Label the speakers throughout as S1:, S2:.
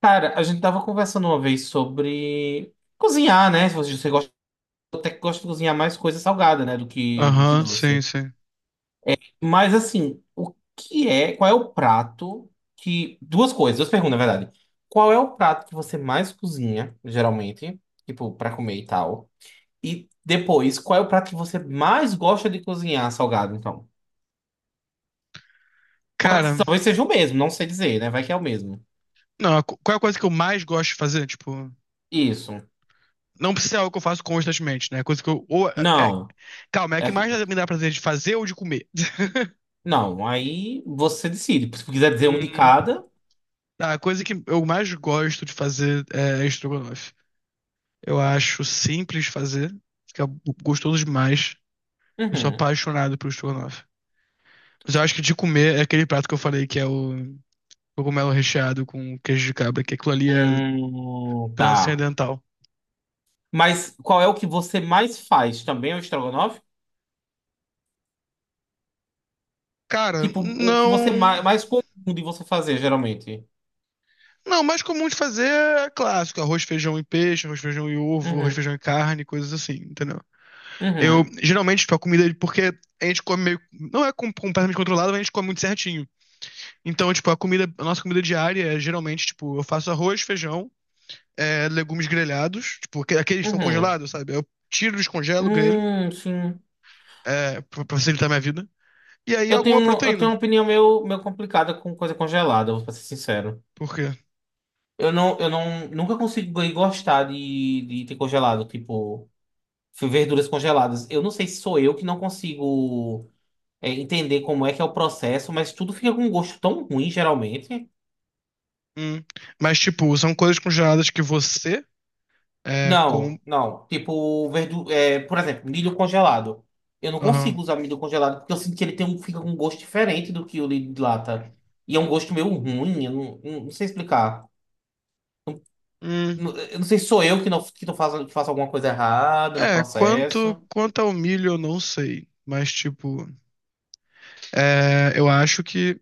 S1: Cara, a gente tava conversando uma vez sobre cozinhar, né? Se você gosta, até que gosta de cozinhar mais coisa salgada, né? Do que
S2: Aham, sim,
S1: doce.
S2: sim.
S1: Mas assim, o que é, qual é o prato que. Duas coisas, duas perguntas, na verdade. Qual é o prato que você mais cozinha, geralmente? Tipo, pra comer e tal. E depois, qual é o prato que você mais gosta de cozinhar salgado, então?
S2: Cara,
S1: Talvez seja o mesmo, não sei dizer, né? Vai que é o mesmo.
S2: não, qual é a coisa que eu mais gosto de fazer? Tipo,
S1: Isso.
S2: não precisa ser algo que eu faço constantemente, né? É coisa que eu. Ou,
S1: Não.
S2: calma, é a que
S1: É.
S2: mais me dá prazer de fazer ou de comer?
S1: Não, aí você decide. Se quiser dizer um de
S2: Hum,
S1: cada.
S2: tá, a coisa que eu mais gosto de fazer é estrogonofe. Eu acho simples de fazer, fica gostoso demais. Eu sou
S1: Uhum.
S2: apaixonado por estrogonofe. Mas eu acho que de comer é aquele prato que eu falei que é o cogumelo recheado com queijo de cabra, que aquilo ali é
S1: Tá.
S2: transcendental.
S1: Mas qual é o que você mais faz? Também é o estrogonofe?
S2: Cara,
S1: Tipo, o que você
S2: não.
S1: mais comum de você fazer, geralmente?
S2: Não, o mais comum de fazer é clássico: arroz, feijão e peixe; arroz, feijão e ovo; arroz,
S1: Uhum,
S2: feijão e carne, coisas assim, entendeu? Eu,
S1: uhum,
S2: geralmente, tipo, a comida, porque a gente come meio, não é completamente controlado, mas a gente come muito certinho. Então, tipo, a comida, a nossa comida diária é, geralmente, tipo, eu faço arroz, feijão, legumes grelhados, tipo, aqueles que estão
S1: uhum.
S2: congelados, sabe? Eu tiro, descongelo, grelho,
S1: Sim.
S2: pra facilitar minha vida. E aí,
S1: Eu tenho
S2: alguma
S1: uma, eu tenho
S2: proteína,
S1: uma opinião meio complicada com coisa congelada, vou ser sincero.
S2: por quê?
S1: Eu não, nunca consigo gostar de ter congelado, tipo, verduras congeladas. Eu não sei se sou eu que não consigo entender como é que é o processo, mas tudo fica com um gosto tão ruim, geralmente.
S2: Hum. Mas, tipo, são coisas congeladas que você, é, com...
S1: Não, não. Tipo, verdu é, por exemplo, milho congelado. Eu não
S2: Aham.
S1: consigo usar milho congelado porque eu sinto que ele tem um, fica com um gosto diferente do que o de lata. E é um gosto meio ruim, eu não sei explicar.
S2: Hum.
S1: Eu não sei se sou eu que não que tô fazendo, que faço alguma coisa errada no
S2: É,
S1: processo.
S2: quanto ao milho eu não sei, mas tipo, é, eu acho que,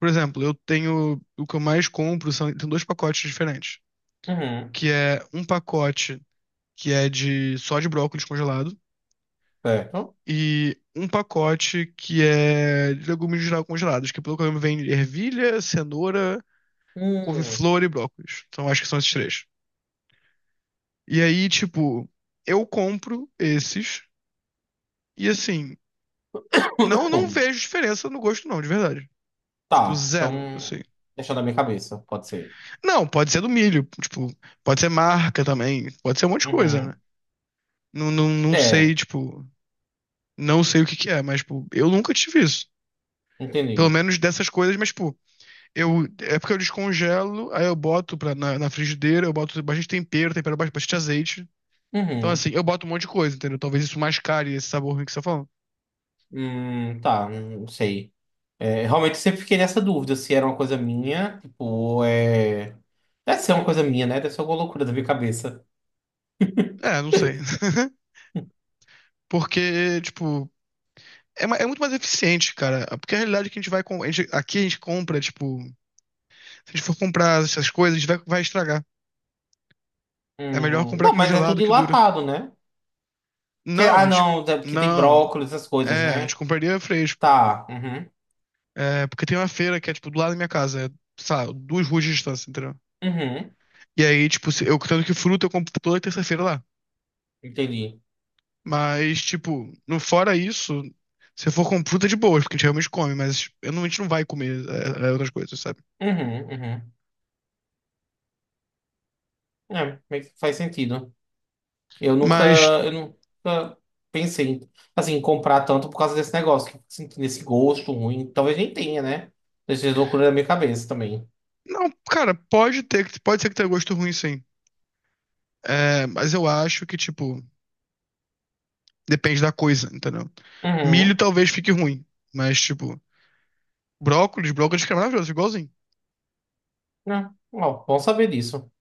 S2: por exemplo, eu tenho, o que eu mais compro são, tem dois pacotes diferentes,
S1: Uhum,
S2: que é um pacote que é de só de brócolis congelado
S1: certo.
S2: e um pacote que é de legumes em geral congelados, que pelo que eu lembro vem ervilha, cenoura,
S1: Hum.
S2: couve-flor e brócolis. Então acho que são esses três. E aí, tipo, eu compro esses e assim, não vejo diferença no gosto não, de verdade. Tipo,
S1: Tá,
S2: zero,
S1: então.
S2: assim.
S1: Deixando na minha cabeça, pode ser.
S2: Não, pode ser do milho, tipo, pode ser marca também, pode ser um monte de coisa, né?
S1: Uhum.
S2: Não sei,
S1: É,
S2: tipo, não sei o que que é, mas, tipo, eu nunca tive isso. Pelo
S1: entendi.
S2: menos dessas coisas, mas, tipo, eu, é porque eu descongelo, aí eu boto pra, na frigideira, eu boto bastante tempero, tempero bastante, bastante azeite. Então,
S1: Uhum.
S2: assim, eu boto um monte de coisa, entendeu? Talvez isso mascare esse sabor ruim que você tá falando.
S1: Tá, não sei. É, realmente eu sempre fiquei nessa dúvida se era uma coisa minha, tipo, ou é. Deve ser uma coisa minha, né? Deve ser alguma loucura da minha cabeça.
S2: É, não sei. Porque, tipo, é, é muito mais eficiente, cara. Porque a realidade é que a gente vai. A gente, aqui a gente compra, tipo. Se a gente for comprar essas coisas, a gente vai, vai estragar. É melhor comprar
S1: Não, mas é
S2: congelado
S1: tudo
S2: que dura.
S1: enlatado, né?
S2: Não,
S1: Ah,
S2: a gente.
S1: não, é porque tem
S2: Não.
S1: brócolis, essas coisas,
S2: É, a gente
S1: né?
S2: compraria fresco.
S1: Tá, uhum,
S2: É, porque tem uma feira que é, tipo, do lado da minha casa. É, sei duas ruas de distância, entendeu?
S1: uhum,
S2: E aí, tipo, eu tanto que fruta eu compro toda terça-feira lá.
S1: entendi.
S2: Mas, tipo, no fora isso, se eu for com fruta de boas, porque a gente realmente come, mas eu não, a gente não vai comer outras coisas, sabe?
S1: Uhum, uhum. É, meio que faz sentido. Eu nunca,
S2: Mas,
S1: eu nunca pensei, em, assim, em comprar tanto por causa desse negócio, que eu fico sentindo esse gosto ruim. Talvez nem tenha, né? Dessas loucuras da minha cabeça também.
S2: não, cara, pode ter, pode ser que tenha gosto ruim, sim. É, mas eu acho que, tipo, depende da coisa, entendeu? Milho
S1: Uhum.
S2: talvez fique ruim, mas, tipo, brócolis fica maravilhoso, igualzinho.
S1: Né? Ó, bom saber disso.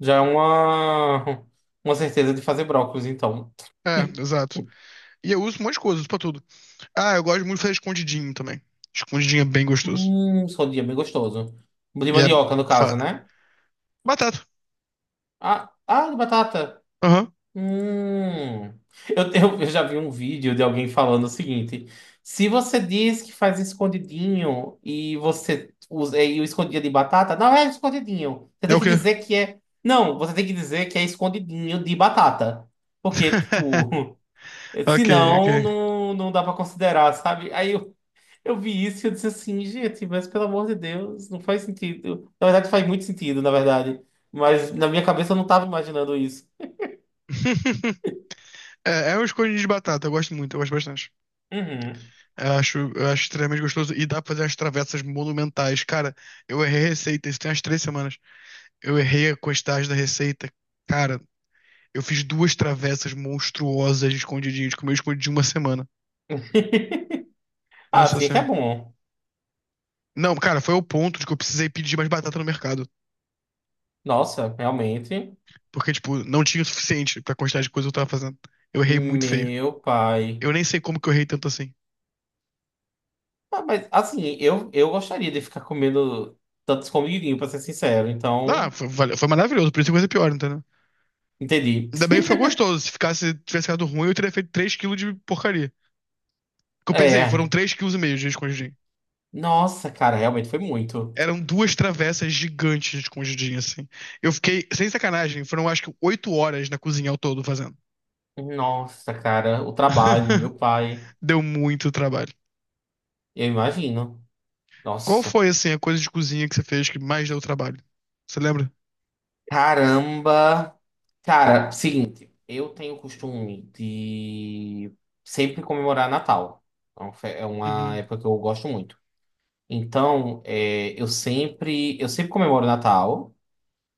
S1: Já é uma, uma certeza de fazer brócolis, então.
S2: É, exato. E eu uso um monte de coisa, uso pra tudo. Ah, eu gosto muito de fazer escondidinho também. Escondidinho é bem gostoso.
S1: Escondia, bem gostoso. De
S2: E é.
S1: mandioca, no
S2: fa-
S1: caso, né?
S2: Batata.
S1: Ah, ah, de batata.
S2: Aham.
S1: Hum. Eu já vi um vídeo de alguém falando o seguinte: se você diz que faz escondidinho e você usa o escondidinho de batata, não é escondidinho. Você
S2: É
S1: tem
S2: o
S1: que
S2: quê?
S1: dizer que é. Não, você tem que dizer que é escondidinho de batata. Porque, tipo.
S2: Ok, ok.
S1: Senão, não dá pra considerar, sabe? Aí eu vi isso e eu disse assim, gente, mas pelo amor de Deus, não faz sentido. Na verdade, faz muito sentido, na verdade. Mas na minha cabeça eu não tava imaginando isso.
S2: É, é um escondidinho de batata, eu gosto muito, eu gosto bastante.
S1: Uhum.
S2: Eu acho extremamente gostoso e dá pra fazer umas travessas monumentais. Cara, eu errei a receita, isso tem umas 3 semanas. Eu errei a quantidade da receita. Cara, eu fiz duas travessas monstruosas de escondidinho, de comi escondidinho uma semana.
S1: Ah,
S2: Nossa
S1: assim é que é
S2: senhora.
S1: bom.
S2: Não, cara, foi ao ponto de que eu precisei pedir mais batata no mercado.
S1: Nossa, realmente.
S2: Porque, tipo, não tinha o suficiente pra quantidade de coisa que eu tava fazendo. Eu errei muito feio.
S1: Meu pai.
S2: Eu nem sei como que eu errei tanto assim.
S1: Ah, mas, assim, eu gostaria de ficar comendo tantos escondidinho, pra ser sincero.
S2: Ah,
S1: Então,
S2: foi, foi maravilhoso, por isso que coisa pior, entendeu?
S1: entendi.
S2: Ainda bem que foi gostoso. Se ficasse, tivesse ficado ruim, eu teria feito 3 quilos de porcaria. Que eu pensei, foram
S1: É.
S2: 3 quilos e meio de escondidinho.
S1: Nossa, cara, realmente foi muito.
S2: Eram duas travessas gigantes de escondidinho, assim. Eu fiquei, sem sacanagem, foram acho que 8 horas na cozinha ao todo fazendo.
S1: Nossa, cara, o trabalho, meu pai.
S2: Deu muito trabalho.
S1: Eu imagino.
S2: Qual
S1: Nossa.
S2: foi, assim, a coisa de cozinha que você fez que mais deu trabalho? Você lembra?
S1: Caramba. Cara, seguinte, eu tenho o costume de sempre comemorar Natal. É uma
S2: Uhum,
S1: época que eu gosto muito. Então, eu sempre comemoro Natal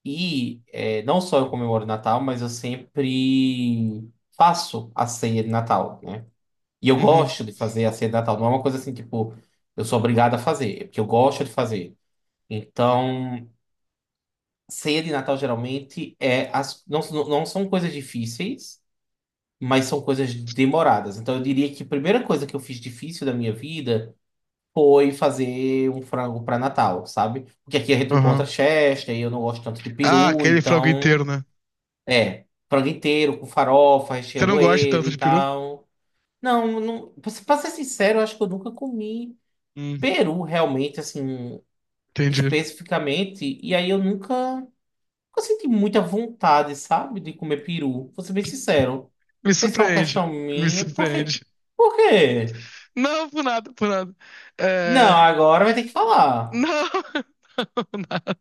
S1: e não só eu comemoro Natal, mas eu sempre faço a ceia de Natal, né? E eu
S2: uhum,
S1: gosto de fazer a ceia de Natal. Não é uma coisa assim, tipo, eu sou obrigado a fazer, é porque eu gosto de fazer. Então, ceia de Natal geralmente é não, não são coisas difíceis, mas são coisas demoradas. Então eu diria que a primeira coisa que eu fiz difícil da minha vida foi fazer um frango para Natal, sabe? Porque aqui a gente encontra
S2: aham.
S1: Chester e eu não gosto tanto de
S2: Ah,
S1: peru,
S2: aquele frango
S1: então
S2: inteiro, né?
S1: é frango inteiro com farofa,
S2: Você não
S1: recheando
S2: gosta
S1: ele
S2: tanto
S1: e
S2: de peru?
S1: tal. Não, não, para ser pra ser sincero, eu acho que eu nunca comi
S2: Hum,
S1: peru realmente assim
S2: entendi.
S1: especificamente, e aí eu nunca Eu senti muita vontade, sabe, de comer peru. Vou ser bem sincero. Não
S2: Me
S1: sei se é uma
S2: surpreende,
S1: questão
S2: me
S1: minha. Por quê?
S2: surpreende.
S1: Por quê?
S2: Não, por nada, por nada.
S1: Não,
S2: É...
S1: agora vai ter que falar.
S2: Não, nada,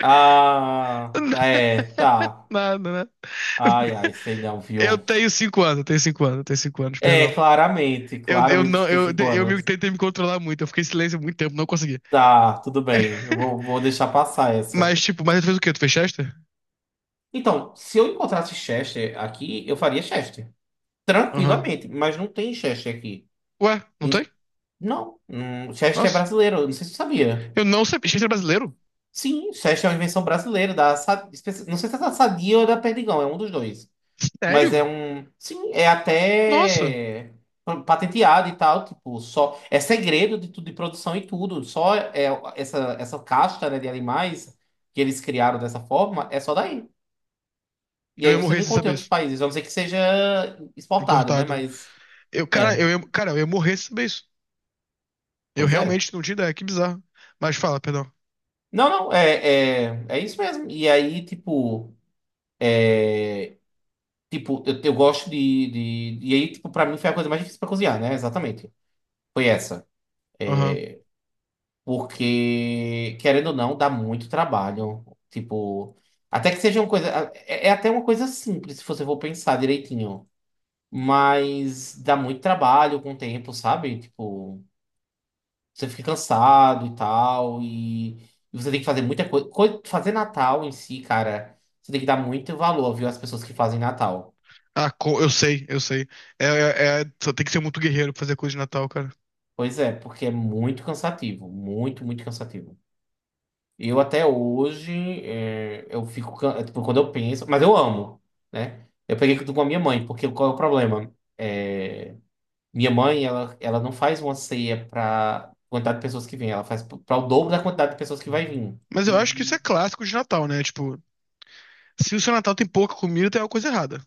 S1: Ah, é, tá.
S2: nada, nada.
S1: Ai, ai, sei não,
S2: Eu
S1: viu?
S2: tenho 5 anos, eu tenho cinco anos, eu tenho cinco anos,
S1: É,
S2: perdão.
S1: claramente,
S2: Eu
S1: claramente você
S2: não,
S1: tem cinco
S2: eu me,
S1: anos.
S2: tentei me controlar muito, eu fiquei em silêncio muito tempo, não consegui.
S1: Tá, tudo bem. Eu vou, vou deixar passar essa.
S2: Mas, tipo, mas tu fez o quê? Tu fez Chester?
S1: Então, se eu encontrasse Chester aqui, eu faria Chester.
S2: Aham.
S1: Tranquilamente, mas não tem Chester aqui.
S2: Ué, não
S1: Em-
S2: tem?
S1: Não, Chester é
S2: Nossa.
S1: brasileiro, eu não sei se você sabia.
S2: Eu não sabia. Gente, era brasileiro?
S1: Sim, Chester é uma invenção brasileira, não sei se é da Sadia ou da Perdigão, é um dos dois. Mas é
S2: Sério?
S1: um. Sim, é
S2: Nossa.
S1: até patenteado e tal, tipo, só. É segredo de tudo, de produção e tudo. Só é essa casta, né, de animais que eles criaram dessa forma é só daí. E
S2: Eu
S1: aí
S2: ia
S1: você
S2: morrer
S1: não
S2: sem
S1: encontra em
S2: saber
S1: outros
S2: isso.
S1: países, a não ser que seja exportado, né?
S2: Importado. Né?
S1: Mas.
S2: Eu,
S1: É,
S2: cara, eu ia morrer sem saber isso. Eu
S1: pois é.
S2: realmente não tinha ideia. Que bizarro. Mas fala, perdão.
S1: Não, não, é isso mesmo. E aí, tipo. Tipo, eu gosto de. E aí, tipo, pra mim foi a coisa mais difícil pra cozinhar, né? Exatamente. Foi essa.
S2: Aham.
S1: Porque, querendo ou não, dá muito trabalho. Tipo. Até que seja uma coisa. É até uma coisa simples, se você for pensar direitinho. Mas dá muito trabalho com o tempo, sabe? Tipo, você fica cansado e tal. E você tem que fazer muita coisa. Fazer Natal em si, cara, você tem que dar muito valor, viu? Às pessoas que fazem Natal.
S2: Ah, eu sei, eu sei. É, só tem que ser muito guerreiro pra fazer coisa de Natal, cara.
S1: Pois é, porque é muito cansativo, muito, muito cansativo. Eu até hoje, eu fico, tipo, quando eu penso, mas eu amo, né? Eu peguei tudo com a minha mãe, porque qual é o problema? É, minha mãe, ela não faz uma ceia para quantidade de pessoas que vem, ela faz para o dobro da quantidade de pessoas que vai vir.
S2: Mas eu acho que isso é clássico de Natal, né? Tipo, se o seu Natal tem pouca comida, tem alguma coisa errada.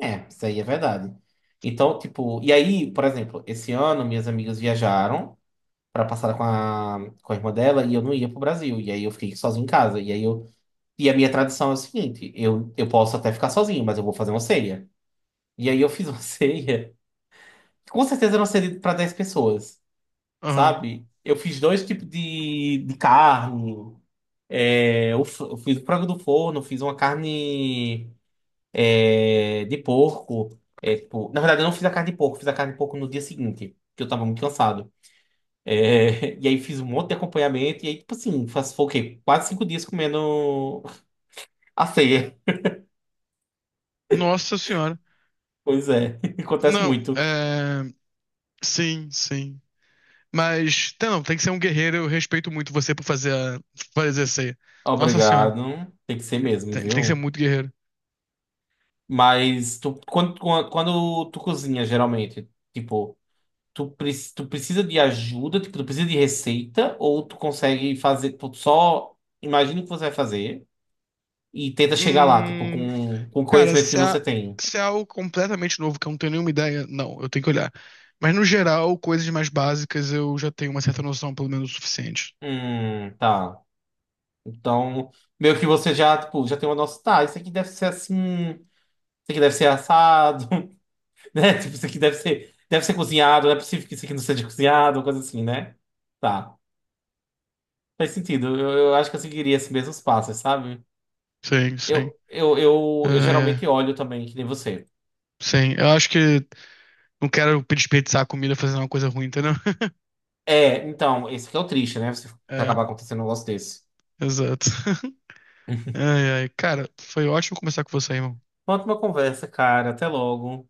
S1: É, isso aí é verdade. Então, tipo, e aí, por exemplo, esse ano minhas amigas viajaram para passar com a irmã dela e eu não ia pro Brasil, e aí eu fiquei sozinho em casa, e aí eu. E a minha tradição é o seguinte: eu posso até ficar sozinho, mas eu vou fazer uma ceia. E aí eu fiz uma ceia, que com certeza era uma ceia para 10 pessoas,
S2: Aham.
S1: sabe? Eu fiz dois tipos de carne, eu fiz o frango do forno, fiz uma carne de porco. Tipo, na verdade, eu não fiz a carne de porco, fiz a carne de porco no dia seguinte, porque eu tava muito cansado. É, e aí fiz um monte de acompanhamento, e aí, tipo assim, foi o quê? Quase 5 dias comendo a ceia.
S2: Nossa senhora.
S1: Pois é, acontece
S2: Não,
S1: muito.
S2: é. Sim, sim. Mas, tá, não, tem que ser um guerreiro. Eu respeito muito você por fazer essa aí. Nossa senhora,
S1: Obrigado. Tem que ser mesmo,
S2: tem que ser
S1: viu?
S2: muito guerreiro.
S1: Mas tu, quando tu cozinha, geralmente, tipo, tu precisa de ajuda, tipo, tu precisa de receita, ou tu consegue fazer, tu só imagina o que você vai fazer e tenta chegar lá, tipo,
S2: Hum,
S1: com o
S2: cara,
S1: conhecimento que você tem.
S2: se é algo completamente novo que eu não tenho nenhuma ideia, não, eu tenho que olhar. Mas no geral, coisas mais básicas eu já tenho uma certa noção, pelo menos o suficiente.
S1: Tá. Então, meio que você já, tipo, já tem uma noção, tá, isso aqui deve ser assim, isso aqui deve ser assado. Né? Tipo, isso aqui deve ser cozinhado, não é possível que isso aqui não seja cozinhado, coisa assim, né? Tá. Faz sentido. Eu acho que eu seguiria esses mesmos passos, sabe?
S2: Sim, sim.
S1: Eu
S2: Ah, é.
S1: geralmente olho também, que nem você.
S2: Sim, eu acho que não quero desperdiçar a comida fazendo uma coisa ruim, entendeu?
S1: É, então, esse que é o triste, né? Você
S2: É,
S1: acabar acontecendo um negócio desse.
S2: exato. Ai, ai. Cara, foi ótimo conversar com você, irmão.
S1: Ótima conversa, cara. Até logo.